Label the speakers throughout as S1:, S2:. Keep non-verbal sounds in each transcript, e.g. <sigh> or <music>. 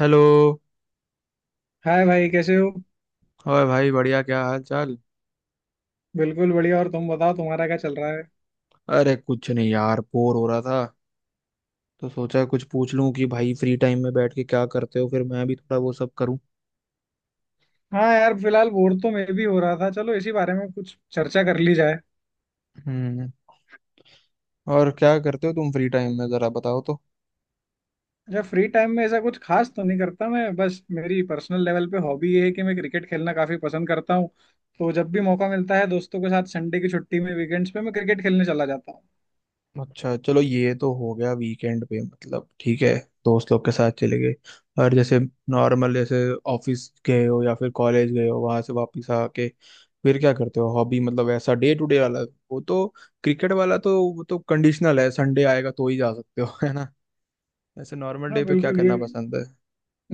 S1: Hello.
S2: Hi भाई, कैसे हो।
S1: और भाई बढ़िया। क्या हाल चाल?
S2: बिल्कुल बढ़िया। और तुम बताओ, तुम्हारा क्या चल रहा है।
S1: अरे कुछ नहीं यार, बोर हो रहा था तो सोचा कुछ पूछ लूं कि भाई फ्री टाइम में बैठ के क्या करते हो, फिर मैं भी थोड़ा वो सब करूं।
S2: हाँ यार, फिलहाल बोर तो मैं भी हो रहा था। चलो इसी बारे में कुछ चर्चा कर ली जाए।
S1: हम्म। और क्या करते हो तुम फ्री टाइम में, जरा बताओ तो।
S2: अच्छा, फ्री टाइम में ऐसा कुछ खास तो नहीं करता मैं। बस मेरी पर्सनल लेवल पे हॉबी ये है कि मैं क्रिकेट खेलना काफी पसंद करता हूँ। तो जब भी मौका मिलता है दोस्तों के साथ संडे की छुट्टी में वीकेंड्स पे मैं क्रिकेट खेलने चला जाता हूँ।
S1: अच्छा, चलो ये तो हो गया वीकेंड पे, मतलब ठीक है। दोस्त लोग के साथ चले गए, और जैसे नॉर्मल, जैसे ऑफिस गए हो या फिर कॉलेज गए हो, वहां से वापस आके फिर क्या करते हो हॉबी, मतलब ऐसा डे टू डे वाला। वो तो क्रिकेट वाला तो वो तो कंडीशनल है, संडे आएगा तो ही जा सकते हो <laughs> है ना? ऐसे नॉर्मल
S2: हाँ
S1: डे पे क्या
S2: बिल्कुल ये।
S1: करना पसंद है?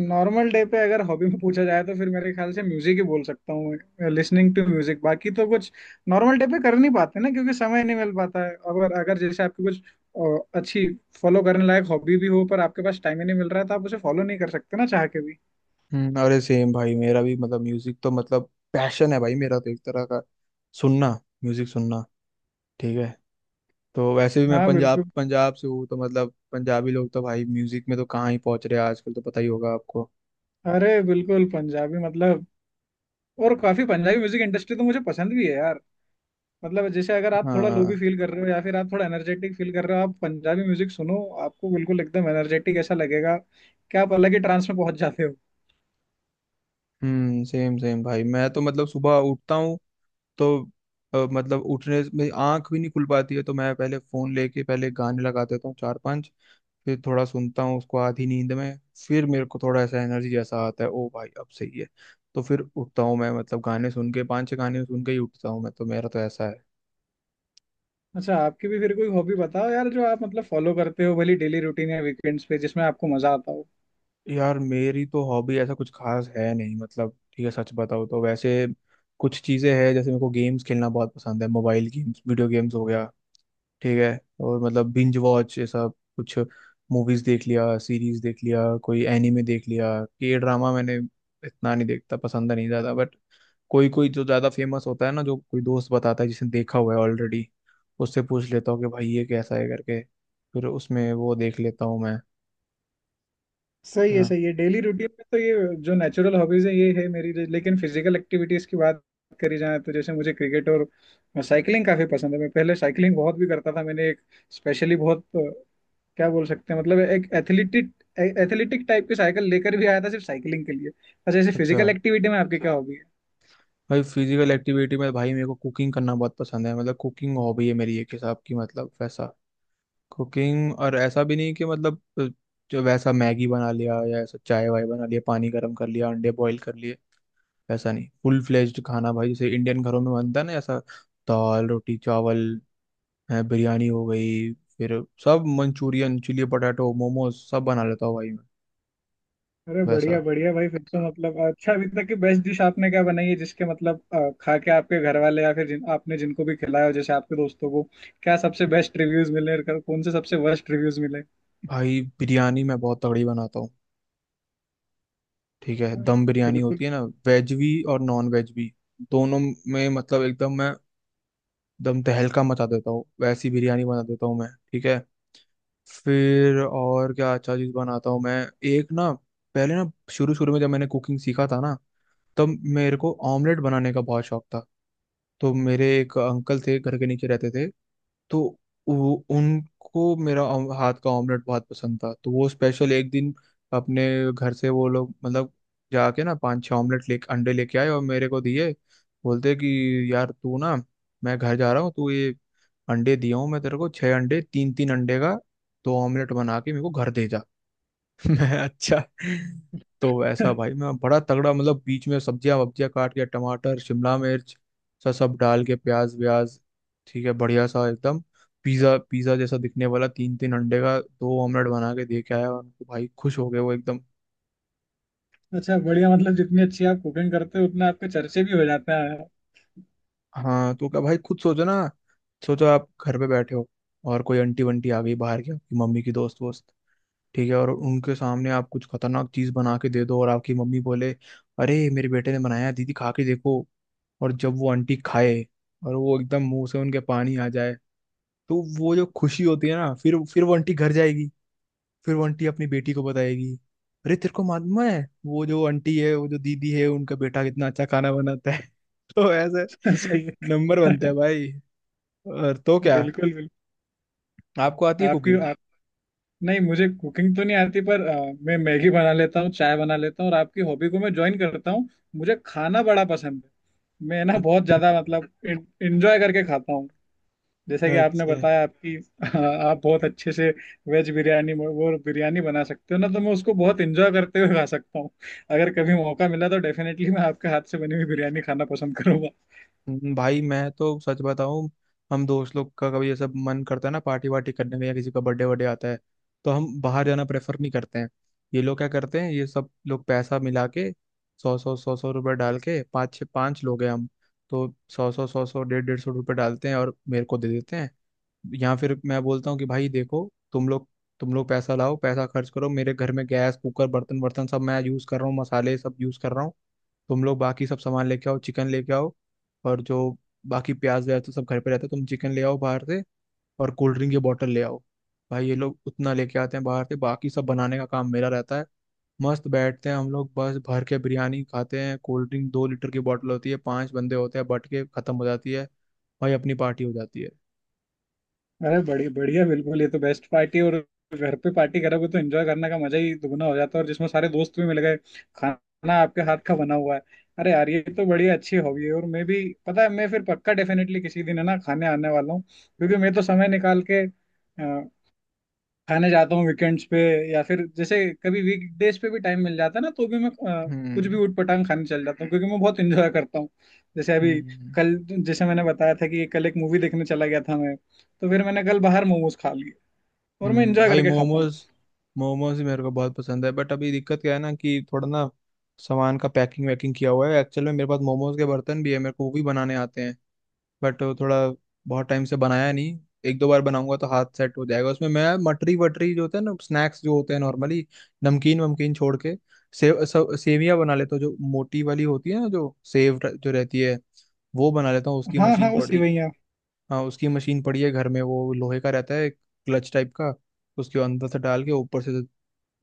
S2: नॉर्मल डे पे अगर हॉबी में पूछा जाए तो फिर मेरे ख्याल से म्यूजिक ही बोल सकता हूँ, लिसनिंग टू म्यूजिक। बाकी तो कुछ नॉर्मल डे पे कर नहीं पाते ना, क्योंकि समय नहीं मिल पाता है। अगर अगर जैसे आपकी कुछ अच्छी फॉलो करने लायक हॉबी भी हो पर आपके पास टाइम ही नहीं मिल रहा है तो आप उसे फॉलो नहीं कर सकते ना, चाह के भी।
S1: हम्म। अरे सेम भाई, मेरा भी मतलब म्यूजिक तो मतलब पैशन है भाई मेरा, तो एक तरह का सुनना, म्यूजिक सुनना, ठीक है। तो वैसे भी मैं
S2: हाँ
S1: पंजाब
S2: बिल्कुल।
S1: पंजाब से हूँ तो मतलब पंजाबी लोग तो भाई म्यूजिक में तो कहाँ ही पहुंच रहे हैं आजकल, तो पता ही होगा आपको।
S2: अरे बिल्कुल पंजाबी मतलब। और काफी पंजाबी म्यूजिक इंडस्ट्री तो मुझे पसंद भी है यार। मतलब जैसे अगर आप थोड़ा लो भी
S1: हाँ।
S2: फील कर रहे हो या फिर आप थोड़ा एनर्जेटिक फील कर रहे हो, आप पंजाबी म्यूजिक सुनो। आपको बिल्कुल एकदम एनर्जेटिक ऐसा लगेगा। क्या आप अलग ही ट्रांस में पहुंच जाते हो।
S1: हम्म, सेम सेम भाई, मैं तो मतलब सुबह उठता हूँ तो मतलब उठने में आंख भी नहीं खुल पाती है, तो मैं पहले फोन लेके पहले गाने लगा देता हूँ चार पांच। फिर थोड़ा सुनता हूँ उसको आधी नींद में, फिर मेरे को थोड़ा ऐसा एनर्जी जैसा आता है, ओ भाई अब सही है। तो फिर उठता हूँ मैं, मतलब गाने सुन के पांच छह गाने सुन के ही उठता हूँ मैं, तो मेरा तो ऐसा है।
S2: अच्छा, आपकी भी फिर कोई हॉबी बताओ यार, जो आप मतलब फॉलो करते हो भली डेली रूटीन या वीकेंड्स पे जिसमें आपको मजा आता हो।
S1: यार, मेरी तो हॉबी ऐसा कुछ खास है नहीं, मतलब ठीक है, सच बताओ तो वैसे कुछ चीज़ें हैं, जैसे मेरे को गेम्स खेलना बहुत पसंद है, मोबाइल गेम्स वीडियो गेम्स हो गया, ठीक है। और मतलब बिंज वॉच ये सब कुछ, मूवीज देख लिया, सीरीज देख लिया, कोई एनीमे देख लिया, के ड्रामा मैंने इतना नहीं देखता, पसंद नहीं ज़्यादा, बट कोई कोई जो ज़्यादा फेमस होता है ना, जो कोई दोस्त बताता है जिसने देखा हुआ है ऑलरेडी, उससे पूछ लेता हूँ कि भाई ये कैसा है करके, फिर उसमें वो देख लेता हूँ मैं।
S2: सही
S1: है
S2: है,
S1: ना?
S2: सही है। डेली रूटीन में तो ये जो नेचुरल हॉबीज है ये है मेरी। लेकिन फिजिकल एक्टिविटीज की बात करी जाए तो जैसे मुझे क्रिकेट और साइकिलिंग काफी पसंद है। मैं पहले साइकिलिंग बहुत भी करता था। मैंने एक स्पेशली बहुत क्या बोल सकते हैं, मतलब एक एथलेटिक एथलेटिक टाइप की साइकिल लेकर भी आया था सिर्फ साइकिलिंग के लिए। अच्छा जैसे फिजिकल
S1: अच्छा।
S2: एक्टिविटी में आपकी क्या हॉबी है?
S1: भाई फिजिकल एक्टिविटी में भाई मेरे को कुकिंग करना बहुत पसंद है, मतलब कुकिंग हॉबी है मेरी एक हिसाब की, मतलब वैसा कुकिंग, और ऐसा भी नहीं कि मतलब जो वैसा मैगी बना लिया या ऐसा चाय वाय बना लिया, पानी गर्म कर लिया, अंडे बॉईल कर लिए, वैसा नहीं, फुल फ्लेज्ड खाना, भाई जैसे इंडियन घरों में बनता है ना ऐसा, दाल रोटी चावल, है, बिरयानी हो गई, फिर सब मंचूरियन चिली पटाटो मोमोज सब बना लेता हूँ भाई मैं।
S2: अरे बढ़िया
S1: वैसा
S2: बढ़िया भाई, फिर तो मतलब अच्छा, अभी तक की बेस्ट डिश आपने क्या बनाई है जिसके मतलब खा के आपके घर वाले या फिर जिनको भी खिलाया हो जैसे आपके दोस्तों को, क्या सबसे बेस्ट रिव्यूज मिले और कौन से सबसे वर्स्ट रिव्यूज मिले।
S1: भाई बिरयानी मैं बहुत तगड़ी बनाता हूँ, ठीक है, दम बिरयानी
S2: बिल्कुल।
S1: होती है ना, वेज भी और नॉन वेज भी, दोनों में मतलब एकदम मैं दम तहलका मचा देता हूँ, वैसी बिरयानी बना देता हूँ मैं, ठीक है। फिर और क्या अच्छा चीज़ बनाता हूँ मैं। एक ना, पहले ना शुरू शुरू में जब मैंने कुकिंग सीखा था ना, तब मेरे को ऑमलेट बनाने का बहुत शौक था। तो मेरे एक अंकल थे, घर के नीचे रहते थे, तो वो उनको मेरा हाथ का ऑमलेट बहुत पसंद था। तो वो स्पेशल एक दिन अपने घर से वो लोग मतलब जाके ना पांच छह ऑमलेट ले, अंडे लेके आए और मेरे को दिए, बोलते कि यार तू ना, मैं घर जा रहा हूँ, तू ये अंडे दिया हूँ मैं तेरे को छह अंडे, तीन तीन अंडे का दो ऑमलेट बना के मेरे को घर दे जा। <laughs> अच्छा, तो वैसा भाई
S2: <laughs>
S1: मैं बड़ा तगड़ा मतलब बीच में सब्जियां वब्जियां काट के, टमाटर शिमला मिर्च सब सब डाल के, प्याज व्याज, ठीक है, बढ़िया सा एकदम पिज्जा पिज्जा जैसा दिखने वाला, तीन तीन अंडे का दो ऑमलेट बना के दे के आया उनको, भाई खुश हो गए वो एकदम।
S2: अच्छा बढ़िया, मतलब जितनी अच्छी आप कुकिंग करते हो उतना आपके चर्चे भी हो जाते हैं।
S1: हाँ तो क्या भाई, खुद सोचो ना, सोचो आप घर पे बैठे हो, और कोई आंटी वंटी आ गई बाहर की, आपकी मम्मी की दोस्त वोस्त, ठीक है, और उनके सामने आप कुछ खतरनाक चीज बना के दे दो और आपकी मम्मी बोले, अरे मेरे बेटे ने बनाया है, दीदी खा के देखो, और जब वो आंटी खाए और वो एकदम मुंह से उनके पानी आ जाए, तो वो जो खुशी होती है ना, फिर वो आंटी घर जाएगी, फिर वो आंटी अपनी बेटी को बताएगी, अरे तेरे को मालूम है, वो जो आंटी है, वो जो दीदी है, उनका बेटा कितना अच्छा खाना बनाता है। <laughs> तो ऐसे
S2: <laughs> सही
S1: नंबर बनते
S2: है।
S1: हैं
S2: <laughs>
S1: भाई। और तो क्या,
S2: बिल्कुल बिल्कुल।
S1: आपको आती है
S2: आपकी
S1: कुकिंग?
S2: आप नहीं, मुझे कुकिंग तो नहीं आती पर मैं मैगी बना लेता हूँ, चाय बना लेता हूँ और आपकी हॉबी को मैं ज्वाइन करता हूँ। मुझे खाना बड़ा पसंद है। मैं ना बहुत ज्यादा मतलब <laughs> एंजॉय करके खाता हूँ। जैसे कि आपने
S1: अच्छा।
S2: बताया आपकी <laughs> आप बहुत अच्छे से वेज बिरयानी वो बिरयानी बना सकते हो ना, तो मैं उसको बहुत एंजॉय करते हुए खा सकता हूँ। अगर कभी मौका मिला तो डेफिनेटली मैं आपके हाथ से बनी हुई बिरयानी खाना पसंद
S1: भाई मैं तो सच बताऊं, हम दोस्त लोग का कभी ऐसा मन करता है ना पार्टी वार्टी करने का, या किसी का बर्थडे वर्डे आता है, तो हम बाहर जाना प्रेफर नहीं करते हैं। ये लोग क्या करते हैं, ये सब लोग पैसा मिला के सौ सौ सौ सौ रुपये डाल के, पाँच छः पाँच लोग हैं हम, तो सौ सौ सौ सौ डेढ़ डेढ़ सौ रुपये डालते हैं और मेरे को दे देते हैं, या फिर मैं बोलता हूँ कि भाई देखो तुम लोग पैसा लाओ, पैसा खर्च करो, मेरे घर में गैस कुकर बर्तन वर्तन सब मैं यूज़ कर रहा हूँ, मसाले सब यूज़ कर रहा हूँ, तुम लोग बाकी सब सामान लेके आओ, चिकन लेके आओ, और जो बाकी प्याज व्याज तो सब घर पे रहता है, तुम चिकन ले आओ बाहर से और कोल्ड ड्रिंक की बॉटल ले आओ, भाई ये लोग उतना लेके आते हैं बाहर से, बाकी सब बनाने का काम मेरा रहता है। मस्त बैठते हैं हम लोग, बस भर के बिरयानी खाते हैं, कोल्ड ड्रिंक 2 लीटर की बॉटल होती है, पांच बंदे होते हैं, बट के खत्म हो जाती है, भाई अपनी पार्टी हो जाती है।
S2: अरे बढ़िया बढ़िया, बिल्कुल ये तो बेस्ट पार्टी। और घर पे पार्टी करोगे तो एंजॉय करने का मजा ही दुगना हो जाता है, और जिसमें सारे दोस्त भी मिल गए, खाना आपके हाथ का बना हुआ है। अरे यार, ये तो बढ़िया अच्छी हॉबी है। और मैं भी, पता है, मैं फिर पक्का डेफिनेटली किसी दिन है ना खाने आने वाला हूँ, क्योंकि मैं तो समय निकाल के खाने जाता हूँ वीकेंड्स पे। या फिर जैसे कभी वीकडेज पे भी टाइम मिल जाता है ना तो भी मैं अ, कुछ
S1: हम्म।
S2: भी ऊटपटांग खाने चल जाता हूँ, क्योंकि मैं बहुत इंजॉय करता हूँ। जैसे अभी
S1: हम्म।
S2: कल जैसे मैंने बताया था कि कल एक मूवी देखने चला गया था मैं, तो फिर मैंने कल बाहर मोमोज खा लिए और मैं
S1: हम्म।
S2: इंजॉय
S1: भाई
S2: करके खाता हूँ।
S1: मोमोज, मोमोज भी मेरे को बहुत पसंद है, बट अभी दिक्कत क्या है ना कि थोड़ा ना सामान का पैकिंग वैकिंग किया हुआ है, एक्चुअल में मेरे पास मोमोज के बर्तन भी है, मेरे को वो भी बनाने आते हैं, बट वो थोड़ा बहुत टाइम से बनाया नहीं, एक दो बार बनाऊंगा तो हाथ सेट हो जाएगा। उसमें मैं मटरी वटरी जो होते हैं ना, स्नैक्स जो होते हैं नॉर्मली नमकीन वमकीन छोड़ के, सेव, सब सेवियां बना लेता हूँ, जो मोटी वाली होती है ना, जो सेव जो रहती है, वो बना लेता हूँ, उसकी
S2: हाँ हाँ,
S1: मशीन
S2: वो
S1: पड़ी।
S2: सिवैया।
S1: हाँ, उसकी मशीन पड़ी है घर में, वो लोहे का रहता है क्लच टाइप का, उसके अंदर से डाल के ऊपर से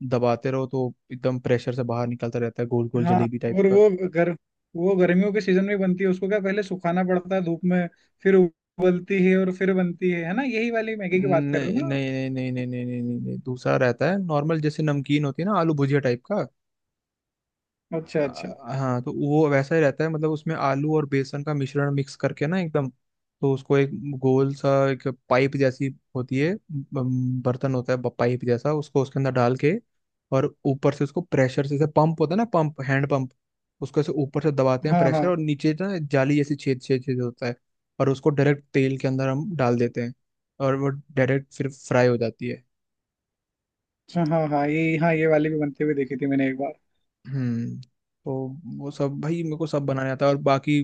S1: दबाते रहो तो एकदम प्रेशर से बाहर निकलता रहता है गोल गोल
S2: हाँ,
S1: जलेबी टाइप
S2: और
S1: का।
S2: गर वो गर्मियों के सीजन में बनती है। उसको क्या पहले सुखाना पड़ता है धूप में, फिर उबलती है और फिर बनती है। है ना, यही वाली मैगी की बात कर रहे हो
S1: नहीं
S2: ना आप?
S1: नहीं नहीं नहीं नहीं नहीं नहीं नहीं नहीं, दूसरा रहता है नॉर्मल, जैसे नमकीन होती है ना आलू भुजिया टाइप का।
S2: अच्छा अच्छा।
S1: हाँ, तो वो वैसा ही रहता है, मतलब उसमें आलू और बेसन का मिश्रण मिक्स करके ना एकदम, तो उसको एक गोल सा एक पाइप जैसी होती है, बर्तन होता है पाइप जैसा, उसको उसके अंदर डाल के और ऊपर से उसको प्रेशर से, जैसे पंप होता है ना, पंप हैंड पंप, उसको ऐसे ऊपर से दबाते हैं
S2: हाँ
S1: प्रेशर,
S2: हाँ।
S1: और नीचे ना जाली जैसी छेद छेद छेद होता है, और उसको डायरेक्ट तेल के अंदर हम डाल देते हैं, और वो डायरेक्ट फिर फ्राई हो जाती है।
S2: अच्छा, हाँ हाँ ये, हाँ ये वाली भी बनते हुए देखी थी मैंने एक बार।
S1: हम्म। तो वो सब भाई मेरे को सब बनाने आता है, और बाकी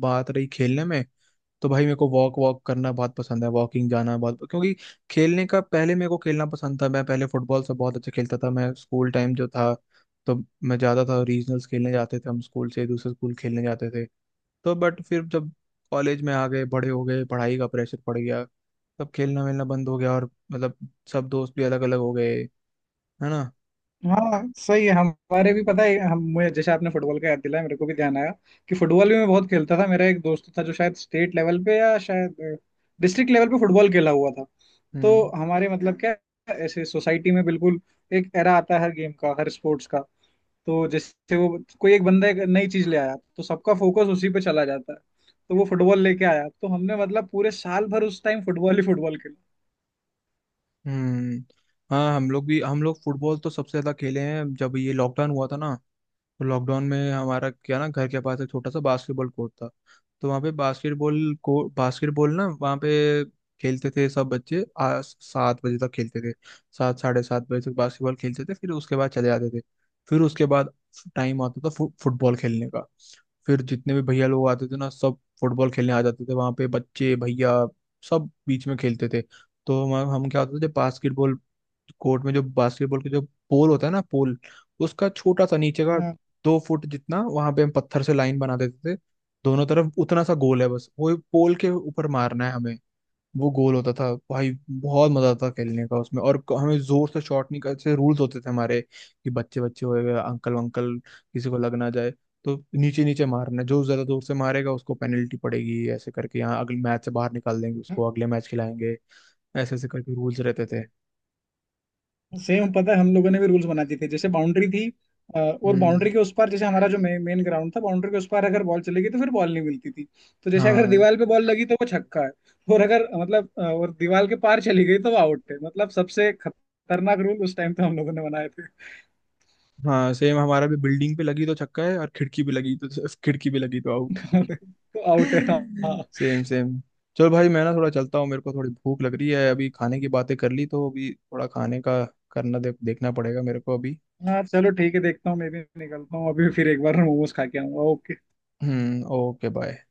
S1: बात रही खेलने में, तो भाई मेरे को वॉक वॉक करना बहुत पसंद है, वॉकिंग जाना बहुत, क्योंकि खेलने का, पहले मेरे को खेलना पसंद था, मैं पहले फुटबॉल से बहुत अच्छा खेलता था मैं, स्कूल टाइम जो था, तो मैं जाता था, रीजनल्स खेलने जाते थे हम, स्कूल से दूसरे स्कूल खेलने जाते थे तो, बट फिर जब कॉलेज में आ गए, बड़े हो गए, पढ़ाई का प्रेशर पड़ गया, तब खेलना वेलना बंद हो गया, और मतलब सब दोस्त भी अलग अलग हो गए, है ना?
S2: हाँ सही है, हमारे भी, पता है हम, मुझे जैसे आपने फुटबॉल का याद दिलाया मेरे को भी ध्यान आया कि फुटबॉल भी मैं बहुत खेलता था। मेरा एक दोस्त था जो शायद स्टेट लेवल पे या शायद डिस्ट्रिक्ट लेवल पे फुटबॉल खेला हुआ था। तो
S1: हम्म।
S2: हमारे मतलब क्या है, ऐसे सोसाइटी में बिल्कुल एक एरा आता है हर गेम का, हर स्पोर्ट्स का। तो जैसे वो कोई एक बंदा एक नई चीज ले आया तो सबका फोकस उसी पे चला जाता है। तो वो फुटबॉल लेके आया तो हमने मतलब पूरे साल भर उस टाइम फुटबॉल ही फुटबॉल खेला।
S1: हम्म। हाँ हम लोग भी, हम लोग फुटबॉल तो सबसे ज्यादा खेले हैं जब ये लॉकडाउन हुआ था ना, तो लॉकडाउन में हमारा क्या ना, घर के पास एक छोटा सा बास्केटबॉल कोर्ट था, तो वहाँ पे बास्केटबॉल को बास्केटबॉल ना वहाँ पे खेलते थे सब बच्चे, 7 बजे तक खेलते थे, सात 7:30 बजे तक बास्केटबॉल खेलते थे, फिर उसके बाद चले जाते थे, फिर उसके बाद टाइम आता था फुटबॉल खेलने का, फिर जितने भी भैया लोग आते थे ना, सब फुटबॉल खेलने आ जाते थे वहाँ पे, बच्चे भैया सब बीच में खेलते थे। तो हम क्या होता था, जब बास्केटबॉल कोर्ट में जो बास्केटबॉल के जो पोल होता है ना पोल, उसका छोटा सा नीचे का
S2: हाँ
S1: 2 फुट जितना, वहां पे हम पत्थर से लाइन बना देते थे दोनों तरफ, उतना सा गोल है, बस वो पोल के ऊपर मारना है हमें, वो गोल होता था भाई, बहुत मजा आता था खेलने का उसमें। और हमें जोर से शॉट नहीं करते, रूल्स होते थे हमारे कि बच्चे बच्चे हो गए, अंकल वंकल किसी को लग ना जाए, तो नीचे नीचे मारना है। जो ज्यादा दूर से मारेगा उसको पेनल्टी पड़ेगी, ऐसे करके, यहाँ अगले मैच से बाहर निकाल देंगे उसको, अगले मैच खिलाएंगे, ऐसे ऐसे करके रूल्स रहते थे।
S2: सेम, पता है हम लोगों ने भी रूल्स बना दिए थे। जैसे बाउंड्री थी, और
S1: हम्म।
S2: बाउंड्री के उस पार, जैसे हमारा जो मेन ग्राउंड था, बाउंड्री के उस पार अगर बॉल चली गई तो फिर बॉल नहीं मिलती थी। तो जैसे अगर
S1: हाँ
S2: दीवार पे बॉल लगी तो वो छक्का है। और अगर मतलब और दीवार के पार चली गई तो वो आउट है। मतलब सबसे खतरनाक रूल उस टाइम पे हम लोगों ने बनाए थे।
S1: हाँ, सेम हमारा भी, बिल्डिंग पे लगी तो छक्का है और खिड़की पे लगी तो आउट।
S2: <laughs> तो आउट है हाँ।
S1: Same same. चलो भाई मैं ना थोड़ा चलता हूँ, मेरे को थोड़ी भूख लग रही है, अभी खाने की बातें कर ली तो अभी थोड़ा खाने का करना देख देखना पड़ेगा मेरे को अभी।
S2: हाँ चलो ठीक है, देखता हूँ मैं भी निकलता हूँ अभी, फिर एक बार मोमोज खा के आऊंगा। ओके।
S1: Hmm, okay bye.